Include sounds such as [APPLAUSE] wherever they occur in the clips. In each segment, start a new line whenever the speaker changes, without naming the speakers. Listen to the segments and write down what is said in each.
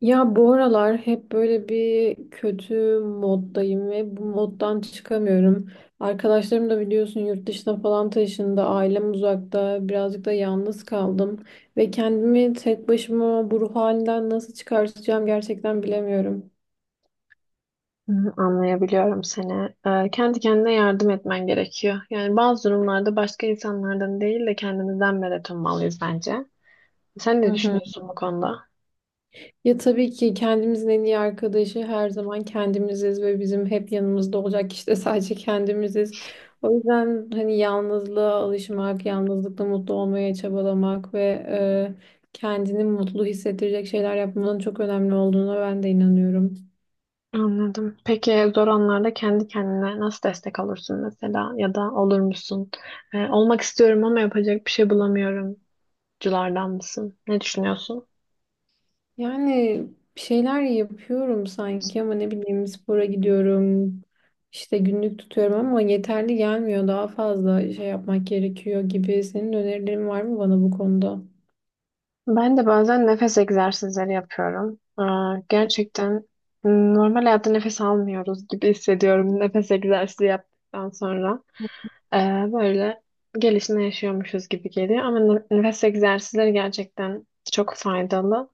Ya bu aralar hep böyle bir kötü moddayım ve bu moddan çıkamıyorum. Arkadaşlarım da biliyorsun yurt dışına falan taşındı. Ailem uzakta. Birazcık da yalnız kaldım. Ve kendimi tek başıma bu ruh halinden nasıl çıkartacağım gerçekten bilemiyorum.
Hı. Anlayabiliyorum seni. Kendi kendine yardım etmen gerekiyor. Yani bazı durumlarda başka insanlardan değil de kendimizden medet ummalıyız bence. Sen
Hı
ne
hı.
düşünüyorsun bu konuda?
Ya tabii ki kendimizin en iyi arkadaşı her zaman kendimiziz ve bizim hep yanımızda olacak kişi de [LAUGHS] sadece kendimiziz. O yüzden hani yalnızlığa alışmak, yalnızlıkla mutlu olmaya çabalamak ve kendini mutlu hissettirecek şeyler yapmanın çok önemli olduğuna ben de inanıyorum.
Anladım. Peki zor anlarda kendi kendine nasıl destek olursun mesela ya da olur musun? Olmak istiyorum ama yapacak bir şey bulamıyorum. Culardan mısın? Ne düşünüyorsun?
Yani bir şeyler yapıyorum sanki ama ne bileyim spora gidiyorum, işte günlük tutuyorum ama yeterli gelmiyor. Daha fazla şey yapmak gerekiyor gibi. Senin önerilerin var mı bana bu konuda?
Ben de bazen nefes egzersizleri yapıyorum. Aa, gerçekten normal hayatta nefes almıyoruz gibi [LAUGHS] hissediyorum nefes egzersizi yaptıktan sonra. Ee, Böyle gelişine yaşıyormuşuz gibi geliyor ama nefes egzersizleri gerçekten çok faydalı.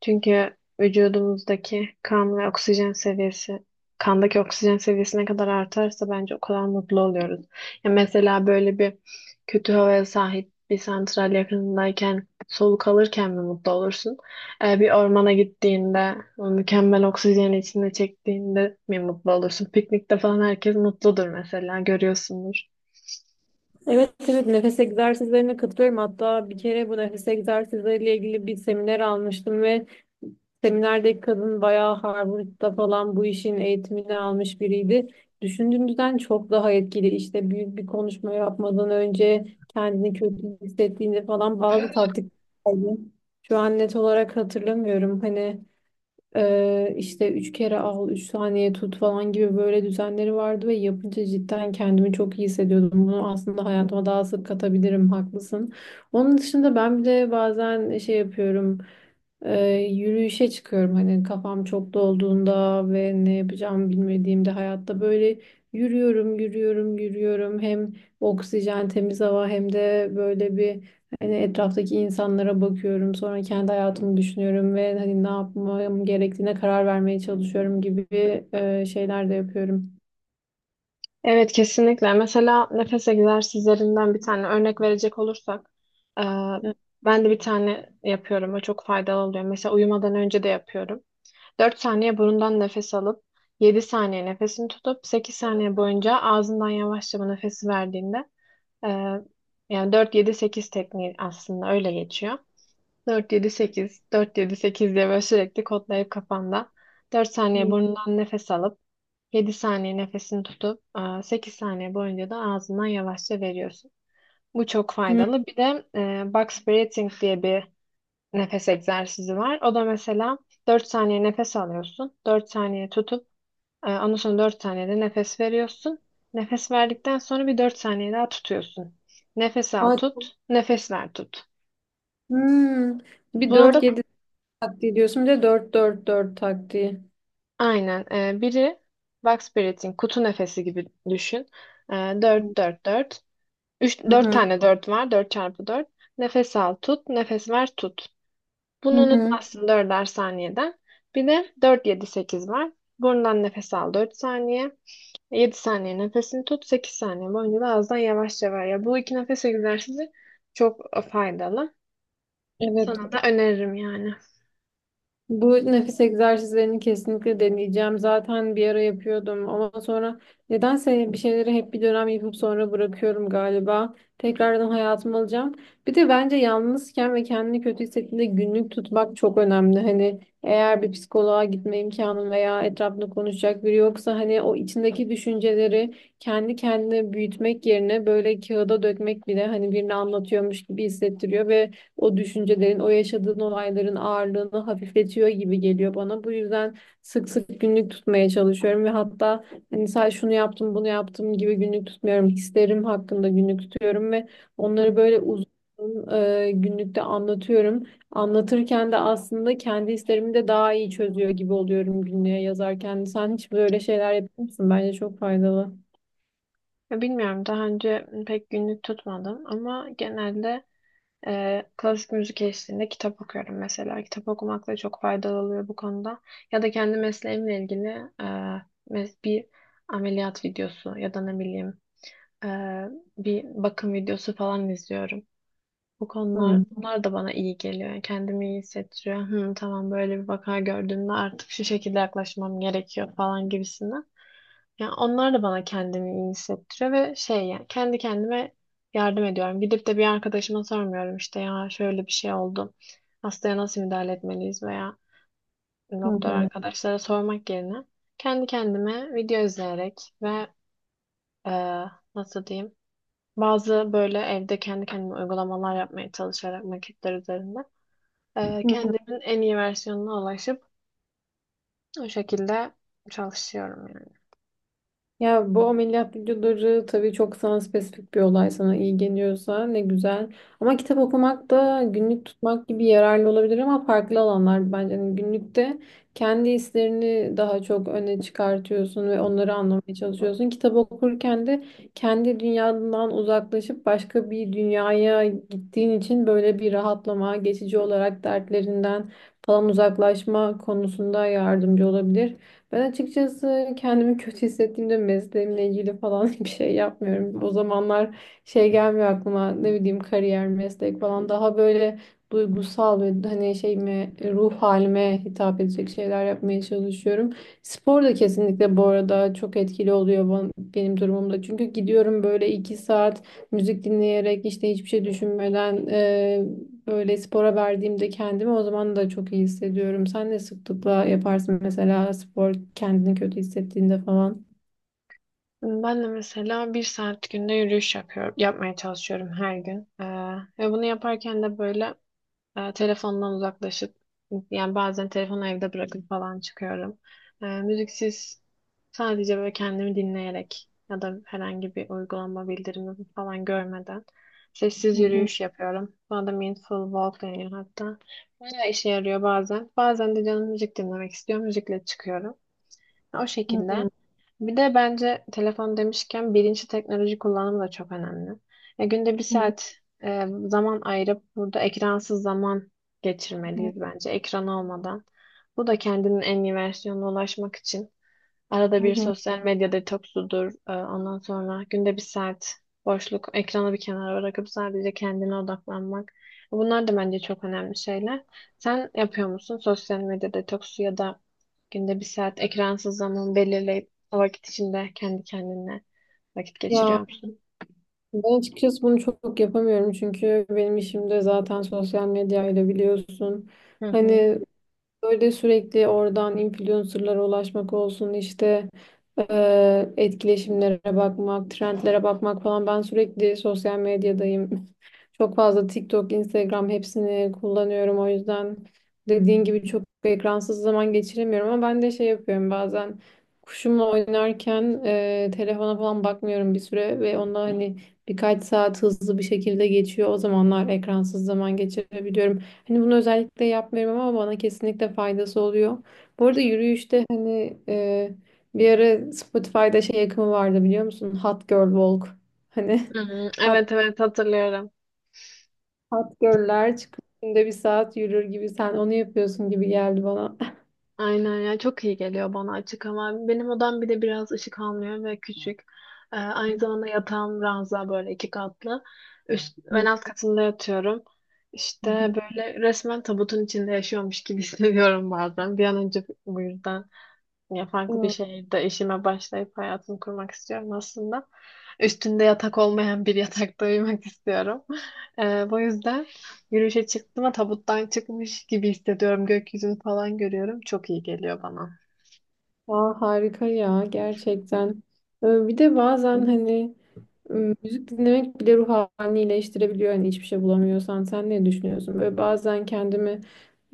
Çünkü vücudumuzdaki kan ve oksijen seviyesi, kandaki oksijen seviyesi ne kadar artarsa bence o kadar mutlu oluyoruz. Ya mesela böyle bir kötü havaya sahip bir santral yakınındayken soluk alırken mi mutlu olursun? Bir ormana gittiğinde, o mükemmel oksijeni içinde çektiğinde mi mutlu olursun? Piknikte falan herkes mutludur mesela, görüyorsundur.
Evet evet, nefes egzersizlerine katılıyorum. Hatta bir kere bu nefes egzersizleriyle ilgili bir seminer almıştım ve seminerdeki kadın bayağı Harvard'da falan bu işin eğitimini almış biriydi. Düşündüğümüzden çok daha etkili. İşte büyük bir konuşma yapmadan önce kendini kötü hissettiğinde falan bazı taktikler vardı. Şu an net olarak hatırlamıyorum. Hani işte üç kere al, üç saniye tut falan gibi böyle düzenleri vardı ve yapınca cidden kendimi çok iyi hissediyordum. Bunu aslında hayatıma daha sık katabilirim, haklısın. Onun dışında ben bir de bazen şey yapıyorum. Ee, Yürüyüşe çıkıyorum hani kafam çok dolduğunda ve ne yapacağımı bilmediğimde hayatta böyle yürüyorum yürüyorum yürüyorum, hem oksijen temiz hava hem de böyle bir hani etraftaki insanlara bakıyorum, sonra kendi hayatımı düşünüyorum ve hani ne yapmam gerektiğine karar vermeye çalışıyorum gibi şeyler de yapıyorum.
Evet, kesinlikle. Mesela nefes egzersizlerinden bir tane örnek verecek olursak, e,
Hı.
ben de bir tane yapıyorum. O çok faydalı oluyor. Mesela uyumadan önce de yapıyorum. 4 saniye burundan nefes alıp, 7 saniye nefesini tutup, 8 saniye boyunca ağzından yavaşça bu nefesi verdiğinde, Ee, yani dört yedi sekiz tekniği aslında öyle geçiyor. Dört yedi sekiz, dört yedi 8 diye böyle sürekli kodlayıp kafanda 4 saniye burnundan nefes alıp, 7 saniye nefesini tutup, 8 saniye boyunca da ağzından yavaşça veriyorsun. Bu çok
Hı.
faydalı. Bir de box breathing diye bir nefes egzersizi var. O da mesela 4 saniye nefes alıyorsun, 4 saniye tutup, ondan sonra 4 saniyede nefes veriyorsun. Nefes verdikten sonra bir 4 saniye daha tutuyorsun. Nefes al
Aa,
tut, nefes ver tut.
hmm. Bir
Buna da
dört yedi taktiği diyorsun, bir de dört dört 4 taktiği.
aynen, biri box breathing, kutu nefesi gibi düşün. E, Dört
Hı
4 4, 3, 4
hı.
tane 4 var, 4 çarpı 4. Nefes al tut, nefes ver tut.
Hı
Bunu
hı.
unutmazsın dörder saniyeden. Bir de 4 7 8 var. Burundan nefes al 4 saniye. 7 saniye nefesini tut, 8 saniye boyunca da ağızdan yavaşça ver. Ya bu 2 nefes egzersizi çok faydalı. Sana
Evet.
da öneririm yani.
Bu nefes egzersizlerini kesinlikle deneyeceğim. Zaten bir ara yapıyordum ama sonra nedense bir şeyleri hep bir dönem yapıp sonra bırakıyorum galiba. Tekrardan hayatıma alacağım. Bir de bence yalnızken ve kendini kötü hissettiğinde günlük tutmak çok önemli. Hani eğer bir psikoloğa gitme imkanın veya etrafında konuşacak biri yoksa hani o içindeki düşünceleri kendi kendine büyütmek yerine böyle kağıda dökmek bile hani birini anlatıyormuş gibi hissettiriyor ve o düşüncelerin, o yaşadığın olayların ağırlığını hafifletiyor gibi geliyor bana. Bu yüzden sık sık günlük tutmaya çalışıyorum ve hatta hani sadece şunu yaptım, bunu yaptım gibi günlük tutmuyorum. Hislerim hakkında günlük tutuyorum ve
Hı.
onları böyle uzun günlükte anlatıyorum. Anlatırken de aslında kendi hislerimi de daha iyi çözüyor gibi oluyorum günlüğe yazarken. Sen hiç böyle şeyler yapıyor musun? Bence çok faydalı.
Ya bilmiyorum, daha önce pek günlük tutmadım ama genelde klasik müzik eşliğinde kitap okuyorum mesela. Kitap okumak da çok faydalı oluyor bu konuda. Ya da kendi mesleğimle ilgili e, bir ameliyat videosu ya da ne bileyim, e, bir bakım videosu falan izliyorum. Bu konular,
Hı
bunlar da bana iyi geliyor. Yani kendimi iyi hissettiriyor. Hı, tamam. Böyle bir vaka gördüğümde artık şu şekilde yaklaşmam gerekiyor falan gibisinden. Yani onlar da bana kendimi iyi hissettiriyor ve şey, yani kendi kendime yardım ediyorum. Gidip de bir arkadaşıma sormuyorum, işte ya şöyle bir şey oldu, hastaya nasıl müdahale etmeliyiz veya
hı.
doktor
Hı.
arkadaşlara sormak yerine kendi kendime video izleyerek ve e, nasıl diyeyim, bazı böyle evde kendi kendime uygulamalar yapmaya çalışarak maketler üzerinde,
Hı.
kendimin en iyi versiyonuna ulaşıp o şekilde çalışıyorum yani.
Ya bu ameliyat videoları tabii çok sana spesifik, bir olay sana iyi geliyorsa ne güzel. Ama kitap okumak da günlük tutmak gibi yararlı olabilir ama farklı alanlar bence. Yani günlükte kendi hislerini daha çok öne çıkartıyorsun ve onları anlamaya çalışıyorsun. Kitap okurken de kendi dünyadan uzaklaşıp başka bir dünyaya gittiğin için böyle bir rahatlama, geçici olarak dertlerinden falan uzaklaşma konusunda yardımcı olabilir. Ben açıkçası kendimi kötü hissettiğimde mesleğimle ilgili falan [LAUGHS] bir şey yapmıyorum. O zamanlar şey gelmiyor aklıma, ne bileyim kariyer, meslek falan, daha böyle duygusal ve hani şeyime, ruh halime hitap edecek şeyler yapmaya çalışıyorum. Spor da kesinlikle bu arada çok etkili oluyor benim durumumda. Çünkü gidiyorum böyle iki saat müzik dinleyerek, işte hiçbir şey düşünmeden. Böyle spora verdiğimde kendimi o zaman da çok iyi hissediyorum. Sen ne sıklıkla yaparsın mesela spor, kendini kötü hissettiğinde falan?
Ben de mesela 1 saat günde yürüyüş yapıyorum, yapmaya çalışıyorum her gün. Ve bunu yaparken de böyle, telefondan uzaklaşıp, yani bazen telefonu evde bırakıp falan çıkıyorum. Müziksiz, sadece böyle kendimi dinleyerek ya da herhangi bir uygulama bildirimi falan görmeden sessiz
Hı hı,
yürüyüş yapıyorum. Buna da mindful walk deniyor hatta. Bayağı işe yarıyor bazen. Bazen de canım müzik dinlemek istiyor. Müzikle çıkıyorum. O şekilde.
hı
Bir de bence telefon demişken bilinçli teknoloji kullanımı da çok önemli. Ya günde bir
hı,
saat zaman ayırıp burada ekransız zaman geçirmeliyiz bence, ekran olmadan. Bu da kendinin en iyi versiyonuna ulaşmak için. Arada
hı
bir
hı.
sosyal medya detoksudur. Ondan sonra günde 1 saat boşluk, ekranı bir kenara bırakıp sadece kendine odaklanmak. Bunlar da bence çok önemli şeyler. Sen yapıyor musun sosyal medya detoksu ya da günde 1 saat ekransız zaman belirleyip o vakit içinde kendi kendine vakit
Ya
geçiriyor musun?
ben açıkçası bunu çok yapamıyorum çünkü benim işim de zaten sosyal medyayla, biliyorsun.
Hı hı.
Hani böyle sürekli oradan influencerlara ulaşmak olsun, işte etkileşimlere bakmak, trendlere bakmak falan. Ben sürekli sosyal medyadayım. [LAUGHS] Çok fazla TikTok, Instagram, hepsini kullanıyorum. O yüzden dediğin gibi çok ekransız zaman geçiremiyorum ama ben de şey yapıyorum bazen, kuşumla oynarken telefona falan bakmıyorum bir süre ve onunla hani birkaç saat hızlı bir şekilde geçiyor. O zamanlar ekransız zaman geçirebiliyorum. Hani bunu özellikle yapmıyorum ama bana kesinlikle faydası oluyor. Bu arada yürüyüşte hani bir ara Spotify'da şey akımı vardı, biliyor musun? Hot Girl Walk. Hani
Hı hı.
[LAUGHS] hot,
Evet evet, hatırlıyorum.
hot girl'ler çıkıp günde bir saat yürür gibi, sen onu yapıyorsun gibi geldi bana.
Aynen ya, çok iyi geliyor bana açık ama benim odam bir de biraz ışık almıyor ve küçük. Aynı zamanda
[LAUGHS]
yatağım ranza, böyle 2 katlı. Üst, ben
Hı
alt katında yatıyorum. İşte
hı.
böyle resmen tabutun içinde yaşıyormuş gibi [LAUGHS] hissediyorum bazen. Bir an önce bu yüzden ya farklı bir şehirde işime başlayıp hayatımı kurmak istiyorum aslında. Üstünde yatak olmayan bir [LAUGHS] yatakta uyumak istiyorum. Bu yüzden yürüyüşe çıktım ama tabuttan çıkmış gibi hissediyorum. Gökyüzünü falan görüyorum. Çok iyi geliyor bana.
Aa, harika ya, gerçekten. Bir de bazen hani müzik dinlemek bile ruh halini iyileştirebiliyor yani, hiçbir şey bulamıyorsan. Sen ne düşünüyorsun? Böyle bazen kendimi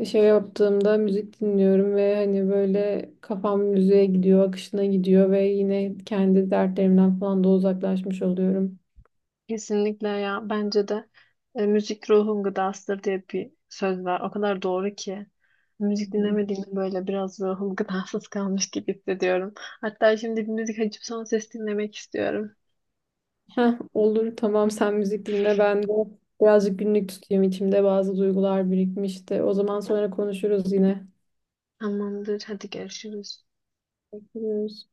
şey yaptığımda müzik dinliyorum ve hani böyle kafam müziğe gidiyor, akışına gidiyor ve yine kendi dertlerimden falan da uzaklaşmış oluyorum.
Kesinlikle ya. Bence de müzik ruhun gıdasıdır diye bir söz var. O kadar doğru ki. Müzik
[LAUGHS]
dinlemediğimde böyle biraz ruhum [LAUGHS] gıdasız kalmış gibi hissediyorum. Hatta şimdi bir müzik açıp son ses dinlemek istiyorum.
Heh, olur tamam, sen müzik dinle, ben de birazcık günlük tutayım, içimde bazı duygular birikmişti. O zaman sonra konuşuruz yine.
Tamamdır. Hadi görüşürüz.
Görüşürüz.